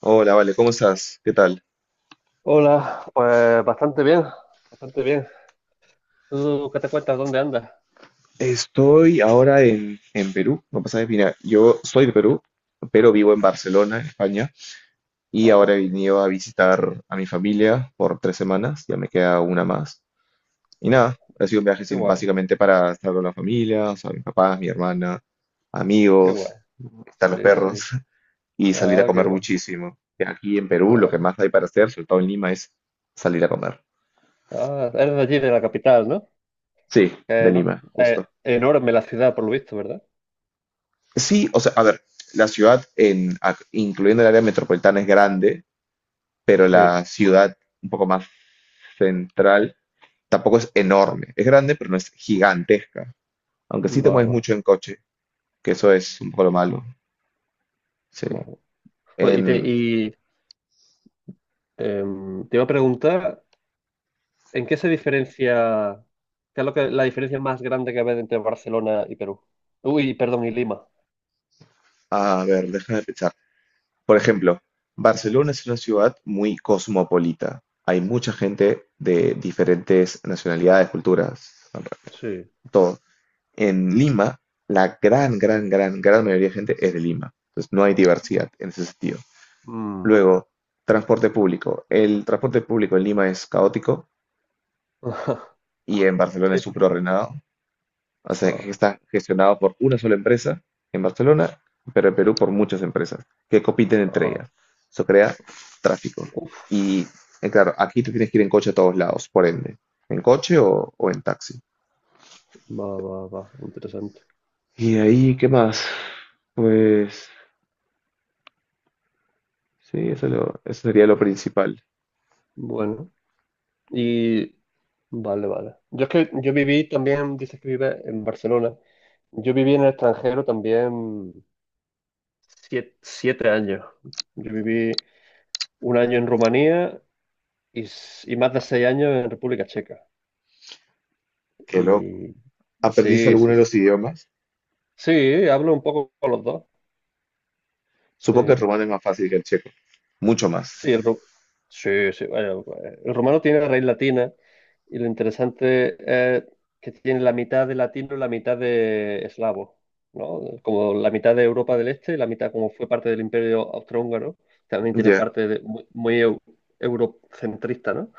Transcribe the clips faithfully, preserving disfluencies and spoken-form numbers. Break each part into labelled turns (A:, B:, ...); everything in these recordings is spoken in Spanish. A: Hola, vale, ¿cómo estás? ¿Qué tal?
B: Hola, pues bastante bien, bastante bien. ¿Tú qué te cuentas? ¿Dónde andas?
A: Estoy ahora en, en Perú, no pasa de mira, yo soy de Perú, pero vivo en Barcelona, en España, y
B: Ah,
A: ahora he venido a visitar a mi familia por tres semanas, ya me queda una más. Y
B: mm,
A: nada, ha sido un viaje
B: qué
A: sin-
B: guay,
A: básicamente para estar con la familia, o sea, mis papás, mi hermana,
B: qué guay.
A: amigos, están los
B: Sí, sí.
A: perros, y salir a
B: Ah, qué
A: comer
B: guay,
A: muchísimo. Que aquí en Perú lo
B: claro.
A: que más hay para hacer, sobre todo en Lima, es salir a comer.
B: Ah, eres de allí, de la capital, ¿no?
A: Sí,
B: Que
A: de
B: eno-
A: Lima, justo.
B: eh, Enorme la ciudad, por lo visto, ¿verdad?
A: Sí, o sea, a ver, la ciudad, en, a- incluyendo el área metropolitana, es grande, pero
B: Sí,
A: la ciudad un poco más central tampoco es enorme. Es grande, pero no es gigantesca. Aunque
B: va,
A: sí te
B: va,
A: mueves
B: va.
A: mucho en coche, que eso es un poco lo malo. Sí.
B: Bueno, y te,
A: En,
B: y, em, te iba a preguntar, ¿en qué se diferencia, qué es lo que, la diferencia más grande que ves entre Barcelona y Perú? Uy, perdón, y Lima.
A: a ver, déjame pensar. Por ejemplo, Barcelona es una ciudad muy cosmopolita. Hay mucha gente de diferentes nacionalidades, culturas,
B: Sí.
A: todo. En Lima, la gran, gran, gran, gran mayoría de gente es de Lima. Entonces no hay diversidad en ese sentido.
B: Mm.
A: Luego, transporte público. El transporte público en Lima es caótico y en Barcelona es
B: Sí.
A: súper ordenado. O sea, que
B: Ah.
A: está gestionado por una sola empresa en Barcelona, pero en Perú por muchas empresas que compiten entre
B: Ah,
A: ellas. Eso crea tráfico.
B: uf,
A: Y eh, claro, aquí tú tienes que ir en coche a todos lados, por ende. En coche o, o en taxi.
B: va, va, va, interesante.
A: Y de ahí, ¿qué más? Pues sí, eso, lo- eso sería lo principal.
B: Bueno, y vale, vale. Yo es que yo viví también, dices que vive en Barcelona. Yo viví en el extranjero también siete, siete años. Yo viví un año en Rumanía y, s- y más de seis años en República Checa.
A: Qué loco.
B: Y
A: ¿Aprendiste
B: sí,
A: alguno
B: sí,
A: de los
B: sí.
A: idiomas?
B: Sí, hablo un poco con los dos. Sí.
A: Supongo que el rumano es más
B: Sí,
A: fácil
B: sí.
A: que el checo. Mucho más.
B: Sí, el, ro- sí, sí, bueno, el romano tiene raíz latina y lo interesante es que tiene la mitad de latino y la mitad de eslavo, ¿no? Como la mitad de Europa del Este y la mitad como fue parte del Imperio Austrohúngaro, también tiene
A: Ya.
B: parte de- muy, muy eu- eurocentrista, ¿no?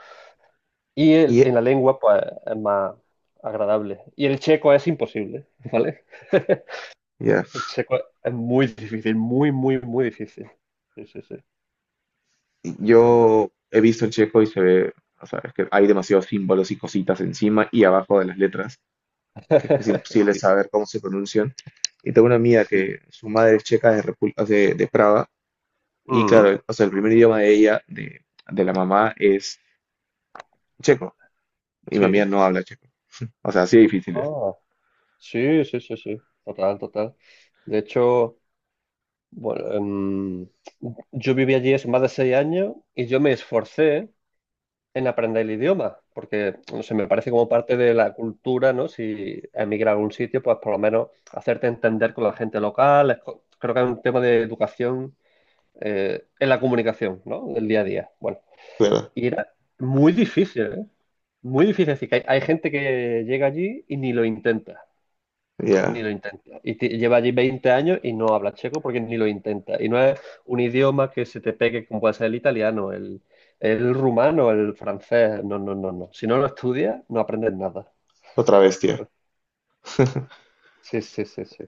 B: Y el-
A: Y
B: en la lengua, pues, es más agradable. Y el checo es imposible, ¿vale?
A: ya.
B: El checo es muy difícil, muy, muy, muy difícil. Sí, sí, sí.
A: Yo he visto el checo y se ve, o sea, es que hay demasiados símbolos y cositas encima y abajo de las letras, que es que es imposible
B: Sí.
A: saber cómo se pronuncian. Y tengo una amiga que
B: Sí.
A: su madre es checa de, Repu- o sea, de, de Praga, y
B: Mm,
A: claro, o sea, el primer idioma de ella, de, de la mamá, es checo. Y mi amiga
B: sí.
A: no habla checo. O sea, así de difícil es.
B: Ah, sí, sí, sí, sí. Total, total. De hecho, bueno, em, yo viví allí hace más de seis años y yo me esforcé en aprender el idioma, porque, no sé, me parece como parte de la cultura, ¿no? Si emigras a algún sitio, pues por lo menos hacerte entender con la gente local. Es co- Creo que es un tema de educación eh, en la comunicación, ¿no? Del día a día. Bueno,
A: Claro.
B: y era muy difícil, ¿eh? Muy difícil. Es decir, que hay, hay gente que llega allí y ni lo intenta. Ni
A: Ya.
B: lo intenta. Y ti- lleva allí veinte años y no habla checo porque ni lo intenta. Y no es un idioma que se te pegue como puede ser el italiano, el, el rumano, el francés. No, no, no, no. Si no lo estudias, no aprendes nada,
A: Otra vez, tía.
B: ¿sabes? Sí, sí, sí, sí.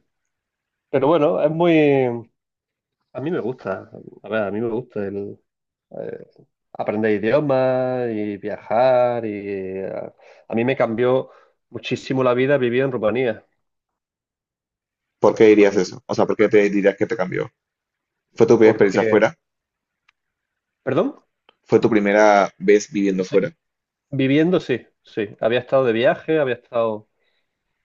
B: Pero bueno, es muy... A mí me gusta. A ver, a mí me gusta el... eh, aprender idiomas y viajar y... eh, A mí me cambió muchísimo la vida vivir en Rumanía.
A: ¿Por qué dirías
B: El-
A: eso? O sea, ¿por qué te dirías que te cambió? ¿Fue tu primera experiencia
B: Porque...
A: fuera?
B: ¿Perdón?
A: ¿Fue tu primera vez viviendo
B: Sí.
A: fuera?
B: Viviendo, sí, sí. Había estado de viaje, había estado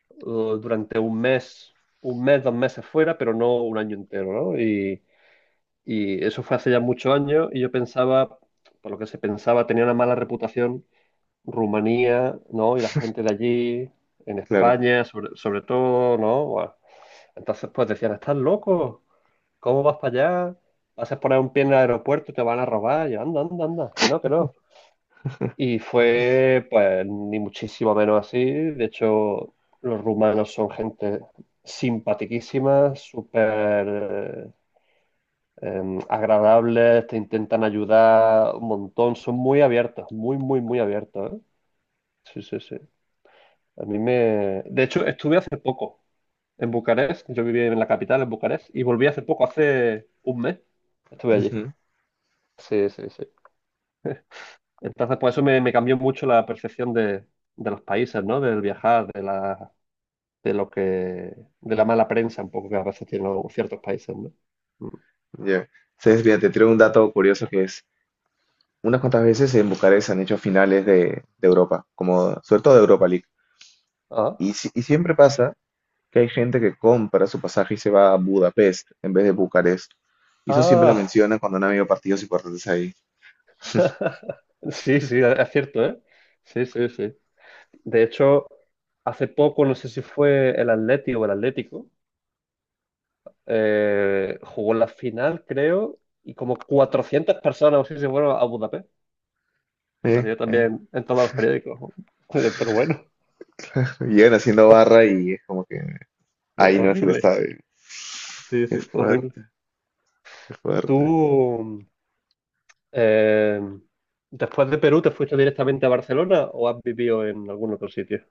B: uh, durante un mes, un mes, dos meses fuera, pero no un año entero, ¿no? Y, y eso fue hace ya muchos años y yo pensaba, por lo que se pensaba, tenía una mala reputación Rumanía, ¿no? Y la gente de allí, en
A: Claro.
B: España, sobre, sobre todo, ¿no? Bueno, entonces, pues decían, ¿estás loco? ¿Cómo vas para allá? Vas a poner un pie en el aeropuerto, te van a robar. Y yo, anda, anda, anda, que no, que no. Y fue, pues, ni muchísimo menos así. De hecho, los rumanos son gente simpaticísima, súper eh, agradables, te intentan ayudar un montón, son muy abiertos, muy, muy, muy abiertos, ¿eh? Sí, sí, sí. A mí me... De hecho, estuve hace poco en Bucarest, yo vivía en la capital, en Bucarest, y volví hace poco, hace un mes, estuve allí.
A: Ujú.
B: Sí, sí, sí. Entonces, por eso me, me cambió mucho la percepción de, de los países, ¿no? Del viajar, de las de lo que, de la mala prensa un poco que a veces tienen algunos- ciertos países, ¿no? Mm.
A: Ya. Entonces, mira, te traigo un dato curioso que es, unas cuantas veces en Bucarest han hecho finales de, de Europa, como sobre todo de Europa League.
B: Ah,
A: Y, si- y siempre pasa que hay gente que compra su pasaje y se va a Budapest en vez de Bucarest. Y eso siempre lo
B: ah.
A: mencionan cuando han habido partidos importantes ahí.
B: Sí, sí, e, es cierto, ¿eh? Sí, sí, sí. De hecho, hace poco, no sé si fue el Atleti o el Atlético, eh, jugó la final, creo, y como cuatrocientas personas o así se fueron a Budapest.
A: Eh,
B: Salió
A: eh.
B: también en todos los periódicos. Pero bueno,
A: Llegan haciendo barra y es como que
B: eh,
A: ahí no es el
B: horrible.
A: estadio.
B: Sí,
A: Qué
B: sí, horrible.
A: fuerte, qué fuerte.
B: ¿Tú, Eh, ¿Después de Perú te fuiste directamente a Barcelona o has vivido en algún otro sitio?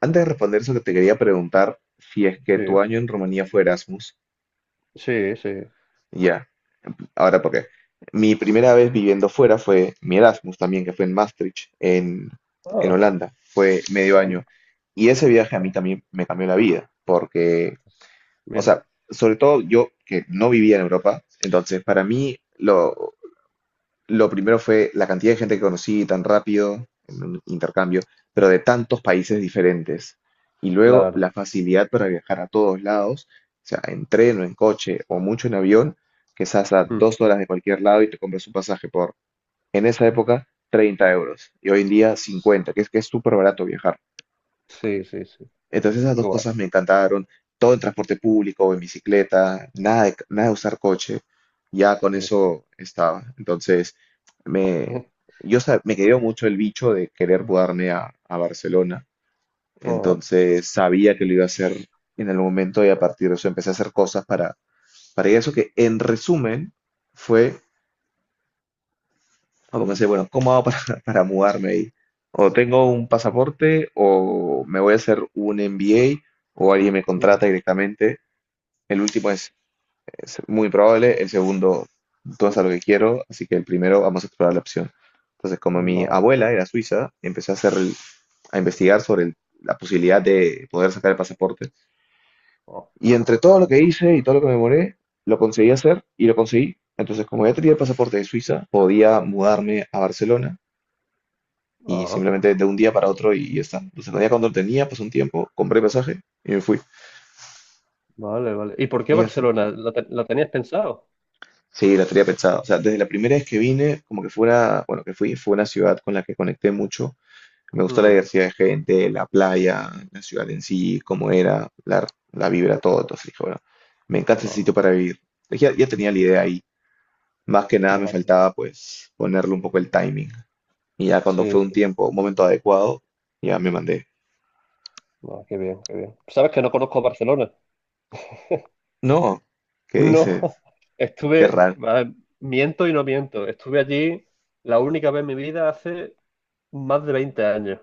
A: Antes de responder eso, que te quería preguntar si es que
B: Sí,
A: tu año en Rumanía fue Erasmus.
B: sí, sí.
A: Ya, ahora porque mi primera vez viviendo fuera fue mi Erasmus también, que fue en Maastricht, en, en
B: Ah,
A: Holanda. Fue medio
B: ah,
A: año. Y ese viaje a mí
B: ah,
A: también me cambió la vida, porque, o
B: mira,
A: sea, sobre todo yo que no vivía en Europa, entonces para mí lo, lo primero fue la cantidad de gente que conocí tan rápido en un intercambio, pero de tantos países diferentes. Y luego
B: claro.
A: la facilidad para viajar a todos lados, o sea, en tren o en coche o mucho en avión, que estás a
B: Mm,
A: dos horas de cualquier lado y te compras un pasaje por, en esa época, treinta euros. Y hoy en día cincuenta, que es que es súper barato viajar.
B: sí, sí, sí.
A: Entonces esas
B: Qué
A: dos
B: guay.
A: cosas me encantaron. Todo en transporte público en bicicleta, nada de, nada de usar coche. Ya con
B: Sí, sí.
A: eso estaba. Entonces me, yo sa- me quedó mucho el bicho de querer mudarme a, a Barcelona.
B: Ah,
A: Entonces sabía que lo iba a hacer en el momento y a partir de eso empecé a hacer cosas para, para ir a eso, que en resumen fue, como pensé, bueno, ¿cómo hago para, para mudarme ahí? O tengo un pasaporte o me voy a hacer un M B A o alguien me contrata
B: mm,
A: directamente. El último es, es muy probable, el segundo todo es a lo que quiero, así que el primero vamos a explorar la opción. Entonces, como mi
B: vale.
A: abuela era suiza, empecé a hacer el- a investigar sobre el- la posibilidad de poder sacar el pasaporte.
B: Ah,
A: Y entre todo lo que hice y todo lo que me demoré, lo conseguí hacer y lo conseguí. Entonces, como ya tenía el pasaporte de Suiza, podía mudarme a Barcelona y
B: ah,
A: simplemente de un día para otro y, y ya está. Entonces, no había cuando tenía, pasó un tiempo, compré pasaje y me fui.
B: vale, vale. ¿Y por qué
A: Y ya sé.
B: Barcelona? ¿La, te- la tenías pensado?
A: Sí, la tenía pensado. O sea, desde la primera vez que vine, como que fue una, bueno, que fui, fue una ciudad con la que conecté mucho. Me gustó la
B: Mm,
A: diversidad de gente, la playa, la ciudad en sí, cómo era, la, la vibra, todo. Entonces dije, bueno, me encanta ese
B: ah,
A: sitio para vivir. Ya, ya tenía la idea ahí. Más que nada me
B: vale.
A: faltaba pues ponerle un poco el timing. Y ya cuando
B: Sí,
A: fue un
B: sí.
A: tiempo, un momento adecuado, ya me mandé.
B: Ah, qué bien, qué bien. Sabes que no conozco Barcelona.
A: No, ¿qué
B: No,
A: dices? Qué
B: estuve,
A: raro.
B: a ver, miento y no miento, estuve allí la única vez en mi vida hace más de veinte años.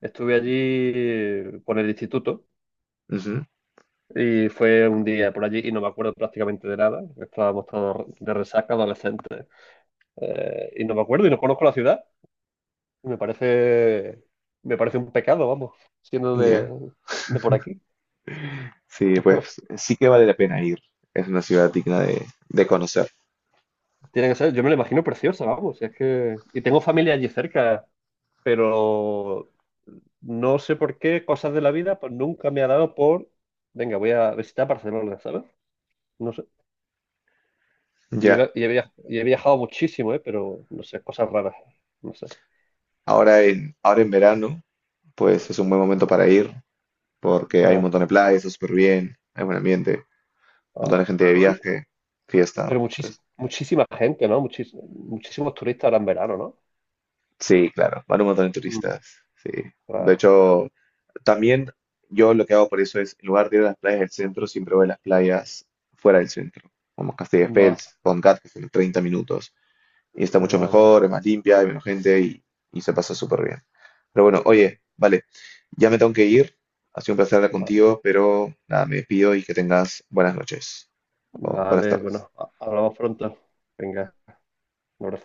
B: Estuve allí por el instituto
A: Ujú.
B: y fue un día por allí y no me acuerdo prácticamente de nada. Estábamos todos de resaca, adolescentes. Eh, y no me acuerdo y no conozco la ciudad. me parece, me parece un pecado, vamos, siendo de,
A: Ya.
B: de por aquí.
A: Sí, pues sí que vale la pena ir. Es una ciudad digna de, de conocer.
B: Tiene que ser, yo me la imagino preciosa, vamos. Si es que, y tengo familia allí cerca. Pero no sé por qué, cosas de la vida, pues nunca me ha dado por, venga, voy a visitar Barcelona, ¿sabes? No sé. Y
A: Ya,
B: he, y he via- y he viajado muchísimo, ¿eh? Pero, no sé, cosas raras, no sé.
A: ahora en, ahora en verano, pues es un buen momento para ir, porque hay un
B: Como,
A: montón de playas, está súper bien, hay buen ambiente, un montón
B: ah,
A: de gente de
B: uy,
A: viaje, fiesta,
B: pero muchis-
A: pues
B: muchísima gente, ¿no? Muchis- muchísimos turistas ahora en verano, ¿no?
A: sí, claro, van un montón de
B: Mm,
A: turistas, sí. De
B: claro.
A: hecho, también yo lo que hago por eso es, en lugar de ir a las playas del centro, siempre voy a las playas fuera del centro, como
B: Va,
A: Castelldefels, Poncat, que son 30 minutos, y está mucho
B: va, va.
A: mejor, es más limpia, hay menos gente y, y se pasa súper bien. Pero bueno,
B: Mm,
A: oye, vale, ya me tengo que ir. Ha sido un placer hablar
B: va.
A: contigo, pero nada, me despido y que tengas buenas noches o buenas
B: Vale,
A: tardes.
B: bueno, ha- hablamos pronto. Venga, un abrazo.